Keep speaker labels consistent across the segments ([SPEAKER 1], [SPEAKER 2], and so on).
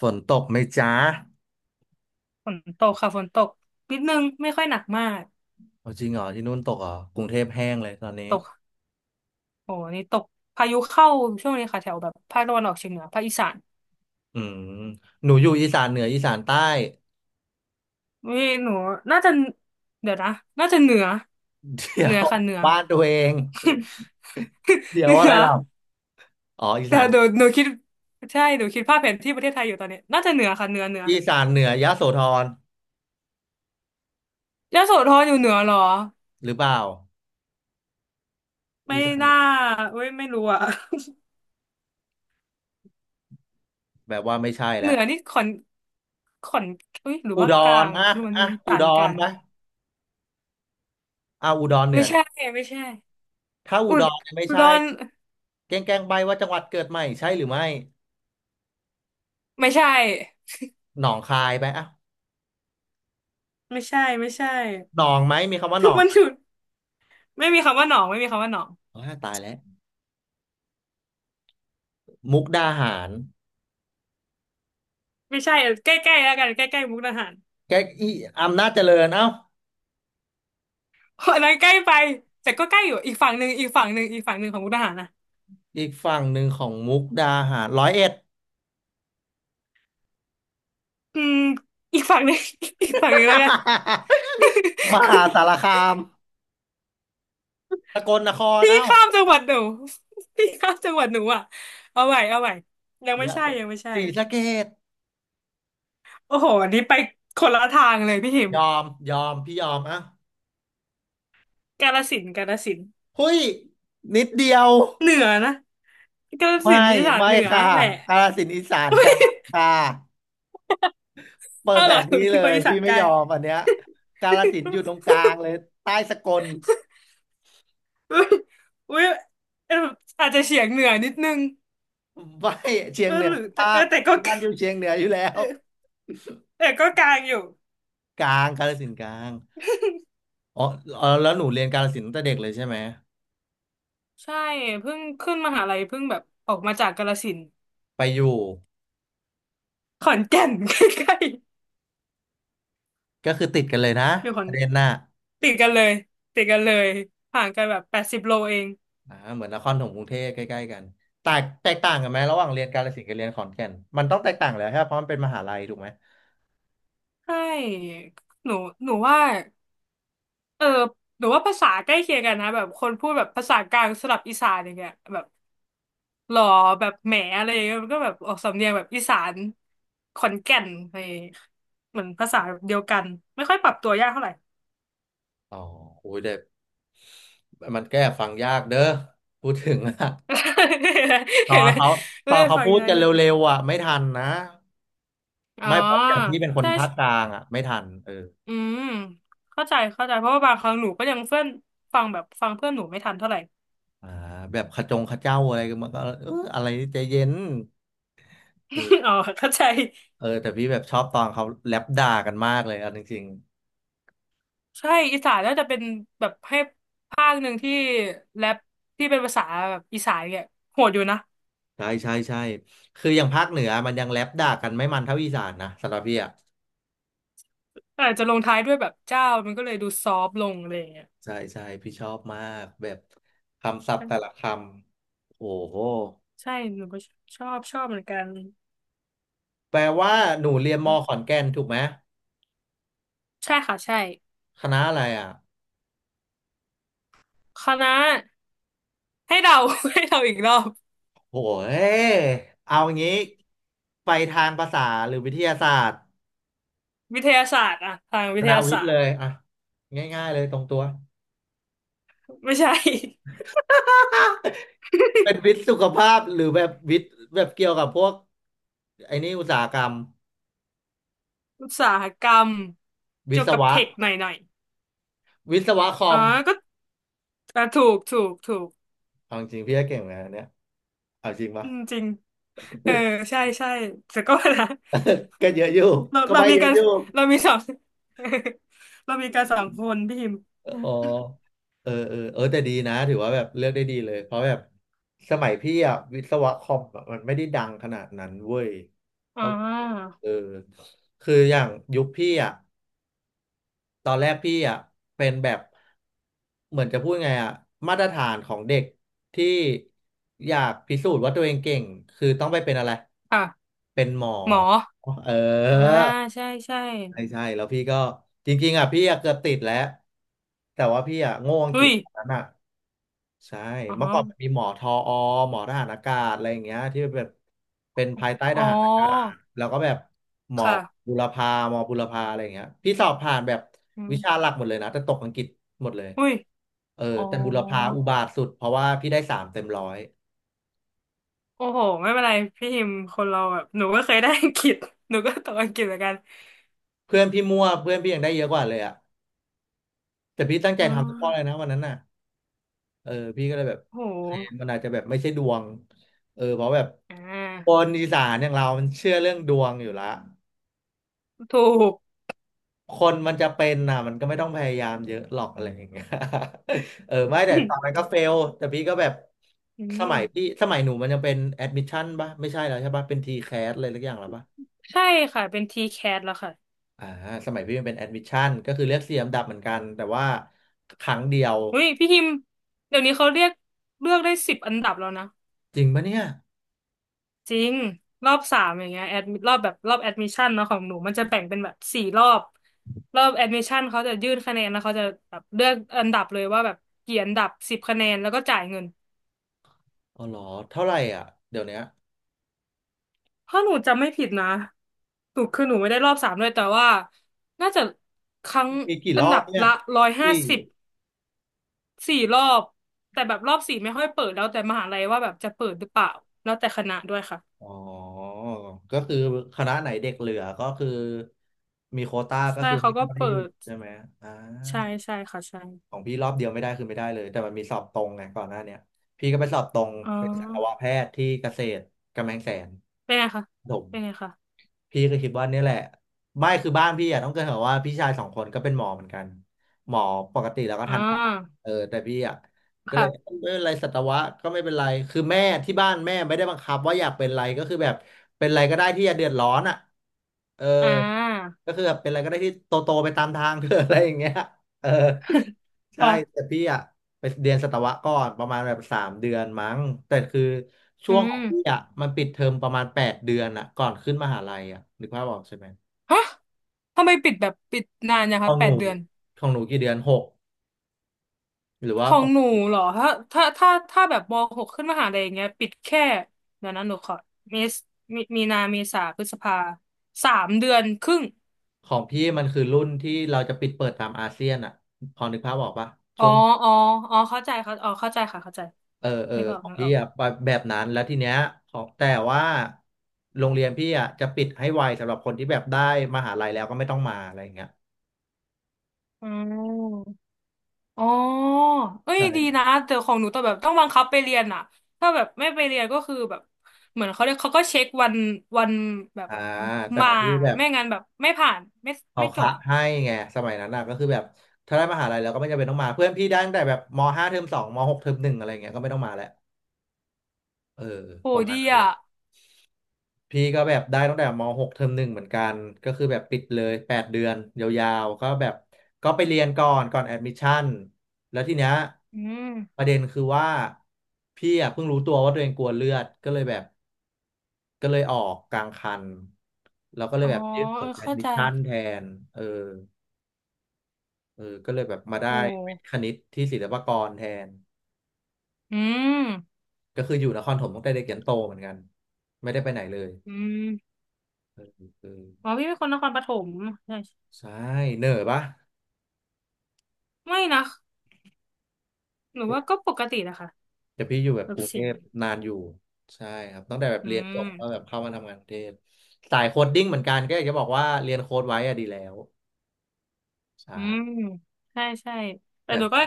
[SPEAKER 1] ฝนตกไหมจ๊ะ
[SPEAKER 2] ฝนตกค่ะฝนตกนิดนึงไม่ค่อยหนักมาก
[SPEAKER 1] เอาจริงเหรอที่นู่นตกเหรอกรุงเทพแห้งเลยตอนนี้
[SPEAKER 2] ตกโอ้นี่ตกพายุเข้าช่วงนี้ค่ะแถวแบบภาคตะวันออกเฉียงเหนือภาคอีสาน
[SPEAKER 1] อืมหนูอยู่อีสานเหนืออีสานใต้
[SPEAKER 2] นี่หนูน่าจะเดี๋ยวนะน่าจะเหนือ
[SPEAKER 1] เดี๋
[SPEAKER 2] เห
[SPEAKER 1] ย
[SPEAKER 2] นือ
[SPEAKER 1] ว
[SPEAKER 2] ค่ะเหนือ
[SPEAKER 1] บ้านตัวเอง เดี๋ ย
[SPEAKER 2] เห
[SPEAKER 1] ว
[SPEAKER 2] นื
[SPEAKER 1] อะไร
[SPEAKER 2] อ
[SPEAKER 1] ล่ะอ๋ออี
[SPEAKER 2] แต่
[SPEAKER 1] สาน
[SPEAKER 2] หนูคิดใช่หนูคิดภาพแผนที่ประเทศไทยอยู่ตอนนี้น่าจะเหนือค่ะเหนือเหนือ
[SPEAKER 1] อีสานเหนือยโสธร
[SPEAKER 2] ยโสธรอยู่เหนือเหรอ
[SPEAKER 1] หรือเปล่า
[SPEAKER 2] ไม่
[SPEAKER 1] อีสานเห
[SPEAKER 2] น่า
[SPEAKER 1] นือ
[SPEAKER 2] เว้ยไม่รู้อ่ะ
[SPEAKER 1] แบบว่าไม่ใช่
[SPEAKER 2] เห
[SPEAKER 1] แล้ว
[SPEAKER 2] นือนี่ขอนขอนเอ้ยหรือ
[SPEAKER 1] อุ
[SPEAKER 2] ว่า
[SPEAKER 1] ด
[SPEAKER 2] กลา
[SPEAKER 1] ร
[SPEAKER 2] ง
[SPEAKER 1] อ่ะ
[SPEAKER 2] คือมันมี
[SPEAKER 1] อ่ะ
[SPEAKER 2] อี
[SPEAKER 1] อุ
[SPEAKER 2] สา
[SPEAKER 1] ด
[SPEAKER 2] นกลา
[SPEAKER 1] ร
[SPEAKER 2] ง
[SPEAKER 1] ไป
[SPEAKER 2] ไหม
[SPEAKER 1] อ่ะอุดรเหนื
[SPEAKER 2] ไม่
[SPEAKER 1] อ
[SPEAKER 2] ใช่
[SPEAKER 1] นะ
[SPEAKER 2] ไม่ใช่
[SPEAKER 1] ถ้าอุ
[SPEAKER 2] อุ
[SPEAKER 1] ด
[SPEAKER 2] ด
[SPEAKER 1] รเนี่ยไม่
[SPEAKER 2] อุ
[SPEAKER 1] ใช่
[SPEAKER 2] ดร
[SPEAKER 1] แกล้งแกล้งใบว่าจังหวัดเกิดใหม่ใช่หรือไม่
[SPEAKER 2] ไม่ใช่
[SPEAKER 1] หนองคายไปอ่ะ
[SPEAKER 2] ไม่ใช่ไม่ใช่
[SPEAKER 1] หนองไหมมีคำว่าห
[SPEAKER 2] คื
[SPEAKER 1] น
[SPEAKER 2] อ
[SPEAKER 1] อง
[SPEAKER 2] มัน
[SPEAKER 1] ไหม
[SPEAKER 2] ถูกไม่มีคำว่าหนองไม่มีคำว่าหนอง
[SPEAKER 1] ตายแล้วมุกดาหาร
[SPEAKER 2] ไม่ใช่เออใกล้ๆแล้วกันใกล้ๆมุกดาหาร
[SPEAKER 1] แกล้งอีอำนาจเจริญเอ้า
[SPEAKER 2] อันนั้นใกล้ไปแต่ก็ใกล้อยู่อีกฝั่งหนึ่งอีกฝั่งหนึ่งอีกฝั่งหนึ่งของมุกดาหารนะ
[SPEAKER 1] อีกฝั่งหนึ่งของมุกดาหารร้อยเอ็ด
[SPEAKER 2] อืมอีกฝั่งหนึ่ง อีกฝั่งหนึ่งแล้วกัน
[SPEAKER 1] มหาสาร คามสกลนคร
[SPEAKER 2] พี่
[SPEAKER 1] เอ้า
[SPEAKER 2] ข้ามจังหวัดหนู พี่ข้ามจังหวัดหนูอ่ะเอาใหม่เอาไหมยังไม่
[SPEAKER 1] ยะ
[SPEAKER 2] ใช่
[SPEAKER 1] โส
[SPEAKER 2] ยังไม่ใช่
[SPEAKER 1] ศรีสะเกษ
[SPEAKER 2] โอ้โหอันนี้ไปคนละทางเลยพี่หิม
[SPEAKER 1] ยอมยอมพี่ยอมอ่ะ
[SPEAKER 2] กาฬสินธุ์กาฬสินธุ์
[SPEAKER 1] หุ้ยนิดเดียว
[SPEAKER 2] เหนือนะกาฬ
[SPEAKER 1] ไม่
[SPEAKER 2] สินธุ์อีสาน
[SPEAKER 1] ไม่
[SPEAKER 2] เหนือ
[SPEAKER 1] ค่ะ
[SPEAKER 2] แหละ
[SPEAKER 1] กาฬสินธุ์อีสานกลางค่ะเปิด
[SPEAKER 2] เอ้าว
[SPEAKER 1] แผ
[SPEAKER 2] เหรอ
[SPEAKER 1] น
[SPEAKER 2] หนู
[SPEAKER 1] ที่เล
[SPEAKER 2] เป็นคน
[SPEAKER 1] ย
[SPEAKER 2] อีสา
[SPEAKER 1] พี่
[SPEAKER 2] นก
[SPEAKER 1] ไม่
[SPEAKER 2] ลา
[SPEAKER 1] ย
[SPEAKER 2] ง
[SPEAKER 1] อมอันเนี้ยกาฬสินธุ์อยู่ตรง กลางเลยใต้สกล
[SPEAKER 2] อุ๊ยอุ๊ยเอออาจจะเฉียงเหนือนิดนึง
[SPEAKER 1] ไม่เชีย
[SPEAKER 2] เอ
[SPEAKER 1] ง
[SPEAKER 2] อ
[SPEAKER 1] เหนื
[SPEAKER 2] ห
[SPEAKER 1] อ
[SPEAKER 2] รือแต่
[SPEAKER 1] ภา
[SPEAKER 2] เออ
[SPEAKER 1] ค
[SPEAKER 2] แต่ก็
[SPEAKER 1] ทุกบ้านอยู่เชียงเหนืออยู่แล้
[SPEAKER 2] เอ
[SPEAKER 1] ว
[SPEAKER 2] อ แต่ก็กลางอยู่
[SPEAKER 1] กลางกาฬสินธุ์กลางอ๋อเออแล้วหนูเรียนกาฬสินธุ์ตั้งแต่เด็กเลยใช่ไหม
[SPEAKER 2] ใช่เพิ่งขึ้นมหาลัยเพิ่งแบบออกมาจากกาฬสินธุ์
[SPEAKER 1] ไปอยู่
[SPEAKER 2] ขอนแก่น ใกล้
[SPEAKER 1] ก็คือติดกันเลยนะ
[SPEAKER 2] ๆอยู่ขอ
[SPEAKER 1] ป
[SPEAKER 2] น
[SPEAKER 1] ระเด็นน่ะ
[SPEAKER 2] ติดกันเลยติดกันเลยห่างกันแบบ80 โลเอง
[SPEAKER 1] อ่าเหมือนนครถมกรุงเทพใกล้ๆกันแตกต่างกันไหมระหว่างเรียนกาฬสินธุ์กับเรียนขอนแก่นมันต้องแตกต่างแหล้วใช่ปะเพราะมันเป็นมหาลัยถูกไหม
[SPEAKER 2] ใช่หนูหนูว่าเออหนูว่าภาษาใกล้เคียงกันนะแบบคนพูดแบบภาษากลางสลับอีสานอย่างเงี้ยแบบ หล่อแบบแหมอะไรอย่างเงี้ยมันก็แบบออกสำเนียงแบบอีสานขอนแก่นอะไรอย่างเงี้ยเหมือนภาษาเดียวกันไม่ค่อยปรับตัวยากเท่าไหร่
[SPEAKER 1] อ๋อโอ้ยเด็กมันแก้ฟังยากเด้อพูดถึงอะต อ
[SPEAKER 2] เห็น
[SPEAKER 1] น
[SPEAKER 2] ไหม
[SPEAKER 1] เขา
[SPEAKER 2] เอ
[SPEAKER 1] ต
[SPEAKER 2] อ
[SPEAKER 1] อนเขา
[SPEAKER 2] ฟัง
[SPEAKER 1] พู
[SPEAKER 2] ยั
[SPEAKER 1] ด
[SPEAKER 2] งไง
[SPEAKER 1] กัน
[SPEAKER 2] เนี่ย
[SPEAKER 1] เร็วๆอ่ะไม่ทันนะ
[SPEAKER 2] อ๋อ
[SPEAKER 1] ไม่เพราะอย่างที่เป็นคน
[SPEAKER 2] ใช่
[SPEAKER 1] ภาคก
[SPEAKER 2] ใช่
[SPEAKER 1] ลางอ่ะไม่ทันเออ
[SPEAKER 2] อืมเข้าใจเข้าใจเพราะว่าบางครั้งหนูก็ยังเพื่อนฟังแบบฟังเพื่อนหนูไม่ทันเท่าไหร่
[SPEAKER 1] อ่าแบบขจงขเจ้าอะไรกันมันก็เอออะไรใจเย็นเออ
[SPEAKER 2] อ๋อเข้าใจ
[SPEAKER 1] เออแต่พี่แบบชอบตอนเขาแลปด่ากันมากเลยเอ่ะจริง
[SPEAKER 2] ใช่อีสานน่าจะเป็นแบบให้ภาคหนึ่งที่แรปที่เป็นภาษาแบบอีสานเนี่ยโหดอยู่นะ
[SPEAKER 1] ใช่ใช่ใช่คืออย่างภาคเหนือมันยังแรปด่ากันไม่มันเท่าอีสานนะสำหรับพี่อ่ะ
[SPEAKER 2] อาจจะลงท้ายด้วยแบบเจ้ามันก็เลยดูซอฟต์ลงอะไรอย่างเงี้ย
[SPEAKER 1] ใช่ใช่พี่ชอบมากแบบคำศัพท์แต่ละคำโอ้โห
[SPEAKER 2] ใช่หนูก็ ชอบชอบเหมือนกัน
[SPEAKER 1] แปลว่าหนูเรียนมอขอนแก่นถูกไหม
[SPEAKER 2] ใช่ค่ะใช่
[SPEAKER 1] คณะอะไรอ่ะ
[SPEAKER 2] คณะให้เดา ให้เดาอีกรอบ
[SPEAKER 1] โอ้เฮเอางี้ไปทางภาษาหรือวิทยาศาสตร์
[SPEAKER 2] วิทยาศาสตร์อะทาง
[SPEAKER 1] ค
[SPEAKER 2] วิท
[SPEAKER 1] ณะ
[SPEAKER 2] ยา
[SPEAKER 1] วิท
[SPEAKER 2] ศา
[SPEAKER 1] ย์
[SPEAKER 2] สต
[SPEAKER 1] เล
[SPEAKER 2] ร์
[SPEAKER 1] ยอ่ะง่ายๆเลยตรงตัว
[SPEAKER 2] ไม่ใช่
[SPEAKER 1] เป็น วิทย์สุขภาพหรือแบบวิทย์แบบเกี่ยวกับพวกไอ้นี่อุตสาหกรรม
[SPEAKER 2] อุตสาหกรรม
[SPEAKER 1] วิ
[SPEAKER 2] เกี่ย
[SPEAKER 1] ศ
[SPEAKER 2] วกับ
[SPEAKER 1] วะ
[SPEAKER 2] เทคหน่อยหน่อย
[SPEAKER 1] วิศวะคอ
[SPEAKER 2] อ๋อ
[SPEAKER 1] ม
[SPEAKER 2] ก็อ่ะถูกถูกถูก
[SPEAKER 1] เอาจริงๆพี่ก็เก่งเหมือนกันอันเนี่ยเอาจริงปะ
[SPEAKER 2] อืมจริงเออใช่ใช่ แต่ก็นะ
[SPEAKER 1] ก็เยอะอยู่
[SPEAKER 2] เรา
[SPEAKER 1] ก็
[SPEAKER 2] เรา
[SPEAKER 1] ไป
[SPEAKER 2] มี
[SPEAKER 1] เยอะ
[SPEAKER 2] การ
[SPEAKER 1] อยู่
[SPEAKER 2] เรามีสอง เรามีกัรสองคนพี่พิมพ์
[SPEAKER 1] อ๋อเออเออเออแต่ดีนะถือว่าแบบเลือกได้ดีเลย เพราะแบบสมัยพี่อะวิศวะคอมอะมันไม่ได้ดังขนาดนั้นเว้ย
[SPEAKER 2] อ่
[SPEAKER 1] เขา
[SPEAKER 2] า
[SPEAKER 1] เออคืออย่างยุคพี่อ่ะตอนแรกพี่อ่ะเป็นแบบเหมือนจะพูดไงอ่ะมาตรฐานของเด็กที่อยากพิสูจน์ว่าตัวเองเก่งคือต้องไปเป็นอะไร
[SPEAKER 2] ค่ะ
[SPEAKER 1] เป็นหมอ
[SPEAKER 2] หมอ
[SPEAKER 1] เออ
[SPEAKER 2] อ่าใช่ใช่
[SPEAKER 1] ใช่ใช่ แล้วพี่ก็จริงๆอ่ะพี่อ่ะเกือบติดแล้วแต่ว่าพี่อ่ะโง่อังกฤ
[SPEAKER 2] อุ้
[SPEAKER 1] ษ
[SPEAKER 2] ย
[SPEAKER 1] ตอนนั้น อ่ะใช่
[SPEAKER 2] อ๋อ
[SPEAKER 1] เมื่อก่อนมันมีหมอทออหมอทหารอากาศอะไรอย่างเงี้ยที่แบบเป็นภายใต้
[SPEAKER 2] อ๋
[SPEAKER 1] ท
[SPEAKER 2] อ
[SPEAKER 1] หารอากาศแล้วก็แบบหมอ
[SPEAKER 2] ค่ะ
[SPEAKER 1] หมอบุรพาอะไรอย่างเงี้ยพี่สอบผ่านแบบ
[SPEAKER 2] อื
[SPEAKER 1] วิชา
[SPEAKER 2] ม
[SPEAKER 1] หลักหมดเลยนะแต่ตกอังกฤษหมดเลย
[SPEAKER 2] อุ้ย
[SPEAKER 1] เออ
[SPEAKER 2] อ๋อ
[SPEAKER 1] แต่บุรพาอุบาทสุดเพราะว่าพี่ได้สามเต็มร้อย
[SPEAKER 2] โอ้โหไม่เป็นไรพี่ฮิมคนเราแบบหนูก็เคยได้อังกฤษ หนูก็ตกอังกฤษเหมือนกัน
[SPEAKER 1] เพื่อนพี่มั่วเพื่อนพี่ยังได้เยอะกว่าเลยอ่ะแต่พี่ตั้งใจ
[SPEAKER 2] อ๋
[SPEAKER 1] ทำทุกข้อเลย
[SPEAKER 2] อ
[SPEAKER 1] นะวันนั้นน่ะ เออพี่ก็เลยแบบ
[SPEAKER 2] โอ้โห
[SPEAKER 1] โอเคมันอาจจะแบบไม่ใช่ดวงเออเพราะแบบ
[SPEAKER 2] อ่
[SPEAKER 1] ค
[SPEAKER 2] า
[SPEAKER 1] นอีสานอย่างเรามันเชื่อเรื่องดวงอยู่ละ
[SPEAKER 2] ถูก
[SPEAKER 1] คนมันจะเป็นน่ะมันก็ไม่ต้องพยายามเยอะหรอกอะไรอย่างเงี้ย เออไม่แต่ตอนนั้ นก็เฟลแต่พี่ก็แบบ
[SPEAKER 2] อื
[SPEAKER 1] ส
[SPEAKER 2] ม
[SPEAKER 1] มัยพี่สมัยหนูมันยังเป็นแอดมิชชั่นป่ะไม่ใช่แล้วใช่ปะเป็นทีแคสอะไรสักอย่างแร้วปะ
[SPEAKER 2] ใช่ค่ะ เป็น T-CAT แคทแล้วค่ะ
[SPEAKER 1] อ่าสมัยพี่มันเป็นแอดมิชชั่นก็คือเลือกเสียมดับเหมือนกันแต่ว่าครั้งเดียว
[SPEAKER 2] อุ้ยพี่ฮิม เดี๋ยวนี้เขาเรียกเลือกได้10 อันดับแล้วนะ
[SPEAKER 1] จริงปะเนี่ย
[SPEAKER 2] จริงรอบสามอย่างเงี้ยแอดรอบแบบรอบแอดมิชชั่นเนาะของหนูมันจะแบ่งเป็นแบบสี่รอบรอบแอดมิชชั่นเขาจะยื่นคะแนนแล้วเขาจะแบบเลือกอันดับเลยว่าแบบกี่อันดับสิบคะแนนแล้วก็จ่ายเงิน
[SPEAKER 1] อ๋อเหรอเท่าไหร่อ่ะเดี๋ยวเนี้ย
[SPEAKER 2] ถ้าหนูจำไม่ผิดนะหนูคือหนูไม่ได้รอบสามด้วยแต่ว่าน่าจะครั้ง
[SPEAKER 1] มีกี่ร
[SPEAKER 2] อัน
[SPEAKER 1] อ
[SPEAKER 2] ดั
[SPEAKER 1] บ
[SPEAKER 2] บ
[SPEAKER 1] เนี่ย
[SPEAKER 2] ละร้อยห้า
[SPEAKER 1] สี่
[SPEAKER 2] สิบสี่รอบแต่แบบรอบ 4ไม่ค่อยเปิดแล้วแต่มหาลัยว่าแบบจะเปิดหรือเปล่าแล้วแต่คณะด้วยค่ะ
[SPEAKER 1] อ๋อก็คือคณะไหนเด็กเหลือก็คือมีโควต้าก็
[SPEAKER 2] ใช่
[SPEAKER 1] คือ
[SPEAKER 2] เขา
[SPEAKER 1] ให้
[SPEAKER 2] ก็
[SPEAKER 1] เข้าได้
[SPEAKER 2] เปิ
[SPEAKER 1] อยู่
[SPEAKER 2] ด
[SPEAKER 1] อ่า
[SPEAKER 2] ใช่ใช่ค่ะใช่
[SPEAKER 1] ของพี่รอบเดียวไม่ได้คือไม่ได้เลยแต่มันมีสอบตรงไงก่อนหน้าเนี้ยพี่ก็ไปสอบตรง
[SPEAKER 2] อ๋อ
[SPEAKER 1] เป็นสัตวแพทย์ที่เกษตรกำแพงแสน
[SPEAKER 2] เป็นไงคะ เป็นไงคะ
[SPEAKER 1] พี่ก็คิดว่าเนี่ยแหละไม่คือบ้านพี่อ่ะต้องเกรินก่อนว่าพี่ชายสองคนก็เป็นหมอเหมือนกันหมอปกติแล้วก็
[SPEAKER 2] อ่
[SPEAKER 1] ทันตา
[SPEAKER 2] า
[SPEAKER 1] เออแต่พี่อ่ะก็เลย
[SPEAKER 2] ค่ะ
[SPEAKER 1] ไม่เป็นไรสัตวะก็ไม่เป็นไรคือแม่ที่บ้านแม่ไม่ได้บังคับว่าอยากเป็นอะไรก็คือแบบเป็นอะไรก็ได้ที่อย่าเดือดร้อนอ่ะเออ
[SPEAKER 2] อ่า
[SPEAKER 1] ก็คือแบบเป็นอะไรก็ได้ที่โตโตไปตามทาง เธออะไรอย่างเงี้ย เออ ใช่แต่
[SPEAKER 2] ค่ะ
[SPEAKER 1] พี่อะไปเรียนสัตวะก่อนประมาณแบบสามเดือนมั้งแต่คือช่
[SPEAKER 2] อื
[SPEAKER 1] วงของพี่
[SPEAKER 2] ม
[SPEAKER 1] อะมันปิดเทอมประมาณแปดเดือนอะก่อนขึ้นมหาลัยอะนึกภาพออกใช่ไหม
[SPEAKER 2] ฮะ ทำไมปิดแบบปิดนานนะ
[SPEAKER 1] ขอ
[SPEAKER 2] คะ
[SPEAKER 1] ง
[SPEAKER 2] แป
[SPEAKER 1] ห
[SPEAKER 2] ด
[SPEAKER 1] นู
[SPEAKER 2] เดือน
[SPEAKER 1] ของหนูกี่เดือนหกหรือ
[SPEAKER 2] ข
[SPEAKER 1] ว่า
[SPEAKER 2] องหนูเหรอถ้าแบบม .6 ขึ้นมหาลัยอย่างเงี้ยปิดแค่เดี๋ยวนะหนูขอมีมีนาเมษาพฤษภา3 เดือนครึ่ง
[SPEAKER 1] ของพี่มันคือรุ่นที่เราจะปิดเปิดตามอาเซียนอะพอนึกภาพออกปะ
[SPEAKER 2] อ๋
[SPEAKER 1] ช่
[SPEAKER 2] อ
[SPEAKER 1] วง
[SPEAKER 2] อ๋ออ๋อเข้าใจเขาอ๋อเข้าใจค่ะเข้าใจ
[SPEAKER 1] เออเออ
[SPEAKER 2] นึกออก
[SPEAKER 1] ของ
[SPEAKER 2] นึกอ
[SPEAKER 1] พี่
[SPEAKER 2] อก
[SPEAKER 1] อ่ะแบบนั้นแล้วทีเนี้ยของแต่ว่าโรงเรียนพี่อ่ะจะปิดให้ไวสำหรับคนที่แบบได้มหาลัยแล้วก็ไม่ต้องมาอะไรอย่างเงี้ย
[SPEAKER 2] อืม อ๋อเอ้ยดีนะแต่ของหนูต้องแบบต้องบังคับไปเรียนอ่ะถ้าแบบไม่ไปเรียนก็คือแบบเหมือนเขาเรียกเขาก็เช็ควันวันแบบ
[SPEAKER 1] อ่าแต่ข
[SPEAKER 2] มา
[SPEAKER 1] องพี่แบบ
[SPEAKER 2] ไม่งั้นแบบไม่ผ่านไม่
[SPEAKER 1] เขา
[SPEAKER 2] ไม่จ
[SPEAKER 1] คะ
[SPEAKER 2] บ
[SPEAKER 1] ให้ไงสมัยนั้นอ่ะก็คือแบบถ้าได้มหาลัยแล้วก็ไม่จำเป็นต้องมาเพื่อนพี่ได้ตั้งแต่แบบมห้าเทอมสองมหกเทอมหนึ่งอะไรอย่างเงี้ยก็ไม่ต้องมาแล้วเออ
[SPEAKER 2] โห
[SPEAKER 1] ประมา
[SPEAKER 2] ดี
[SPEAKER 1] ณนั้น
[SPEAKER 2] อ่ะ
[SPEAKER 1] พี่ก็แบบได้ตั้งแต่ม .6 เทอมหนึ่งเหมือนกัน ก็คือแบบปิดเลยแปดเดือนยาวๆก็แบบก็ไปเรียนก่อนแอดมิชชั่นแล้วทีเนี้ย
[SPEAKER 2] อืม
[SPEAKER 1] ประเด็นคือว่าพี่อ่ะเพิ่งรู้ตัวว่าตัวเองกลัวเลือด ก็เลยแบบก็เลยออกกลางคัน แล้วก็เล
[SPEAKER 2] อ๋
[SPEAKER 1] ย
[SPEAKER 2] อ
[SPEAKER 1] แบบยื่นผ
[SPEAKER 2] เอ
[SPEAKER 1] ล
[SPEAKER 2] อ
[SPEAKER 1] แอด
[SPEAKER 2] เข้า
[SPEAKER 1] มิช
[SPEAKER 2] ใจ
[SPEAKER 1] ชั่นแทนเออเออก็เลยแบบมา
[SPEAKER 2] โ
[SPEAKER 1] ได้วิท
[SPEAKER 2] ห
[SPEAKER 1] ย์คณิตที่ศิลปากรแทน
[SPEAKER 2] อืม
[SPEAKER 1] ก็คืออยู่นครปฐมตั้งแต่เด็กยันโตเหมือนกัน ไม่ได้ไปไหนเลย
[SPEAKER 2] อืม
[SPEAKER 1] เออเออ
[SPEAKER 2] อ๋อพี่เป็นคนนครปฐมใช่
[SPEAKER 1] ใช่เหนื่อยปะ
[SPEAKER 2] ไม่นะ หนูว่าก็ปกตินะคะ
[SPEAKER 1] แต่พี่อยู่แบบ
[SPEAKER 2] แบ
[SPEAKER 1] ก
[SPEAKER 2] บ
[SPEAKER 1] รุงเท
[SPEAKER 2] สิง
[SPEAKER 1] พนานอยู่ใช่ครับตั้งแต่แบบ
[SPEAKER 2] อื
[SPEAKER 1] เรียนจบ
[SPEAKER 2] ม
[SPEAKER 1] ก็แบบเข้ามาทำงานกรุงเทพสายโคดดิ้งเหมือนกันก็อยากจะบอกว่าเรียนโค้ดไว้อะดีแล้ว
[SPEAKER 2] อืม
[SPEAKER 1] ใช่
[SPEAKER 2] ใช่ใช่แต่
[SPEAKER 1] แต่
[SPEAKER 2] หนูก็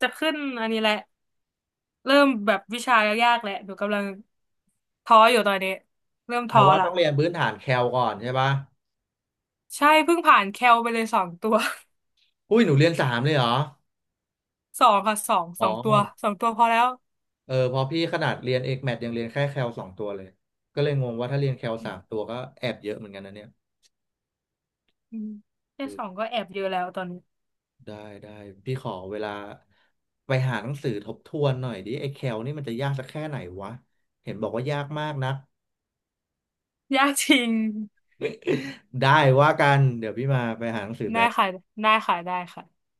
[SPEAKER 2] จะขึ้นอันนี้แหละ เริ่มแบบวิชายากๆแหละหนูกำลังท้ออยู่ตอนนี้ เริ่ม
[SPEAKER 1] แต่
[SPEAKER 2] ท้อ
[SPEAKER 1] ว่า
[SPEAKER 2] ละ
[SPEAKER 1] ต้องเรียนพื้นฐานแคลก่อนใช่ปะ
[SPEAKER 2] ใช่เพิ่งผ่านแคลไปเลยสองตัว
[SPEAKER 1] อุ้ยหนูเรียนสามเลยเหรอ
[SPEAKER 2] สองค่ะสอง
[SPEAKER 1] อ๋
[SPEAKER 2] ส
[SPEAKER 1] อ
[SPEAKER 2] องตัวสองตัวพอแล้ว
[SPEAKER 1] เออพี่ขนาดเรียนเอกแมทยังเรียนแค่แคลสองตัวเลยก็เลยงงว่าถ้าเรียนแคล
[SPEAKER 2] อื
[SPEAKER 1] สา
[SPEAKER 2] ม
[SPEAKER 1] มตัวก็แอบเยอะเหมือนกันนะเนี่ย
[SPEAKER 2] อืมแค่สองก็แอบเยอะแล้วตอนนี้
[SPEAKER 1] ได้ได้พี่ขอเวลาไปหาหนังสือทบทวนหน่อยดิไอ้แคลนี่มันจะยากสักแค่ไหนวะเห็นบอกว่ายากมากนก
[SPEAKER 2] ยากจริง
[SPEAKER 1] ได้ว่ากันเดี๋ยวพี่มาไปหาหนังสือ
[SPEAKER 2] ได้
[SPEAKER 1] แป๊บ
[SPEAKER 2] ค่ะได้ค่ะได้ค่ะ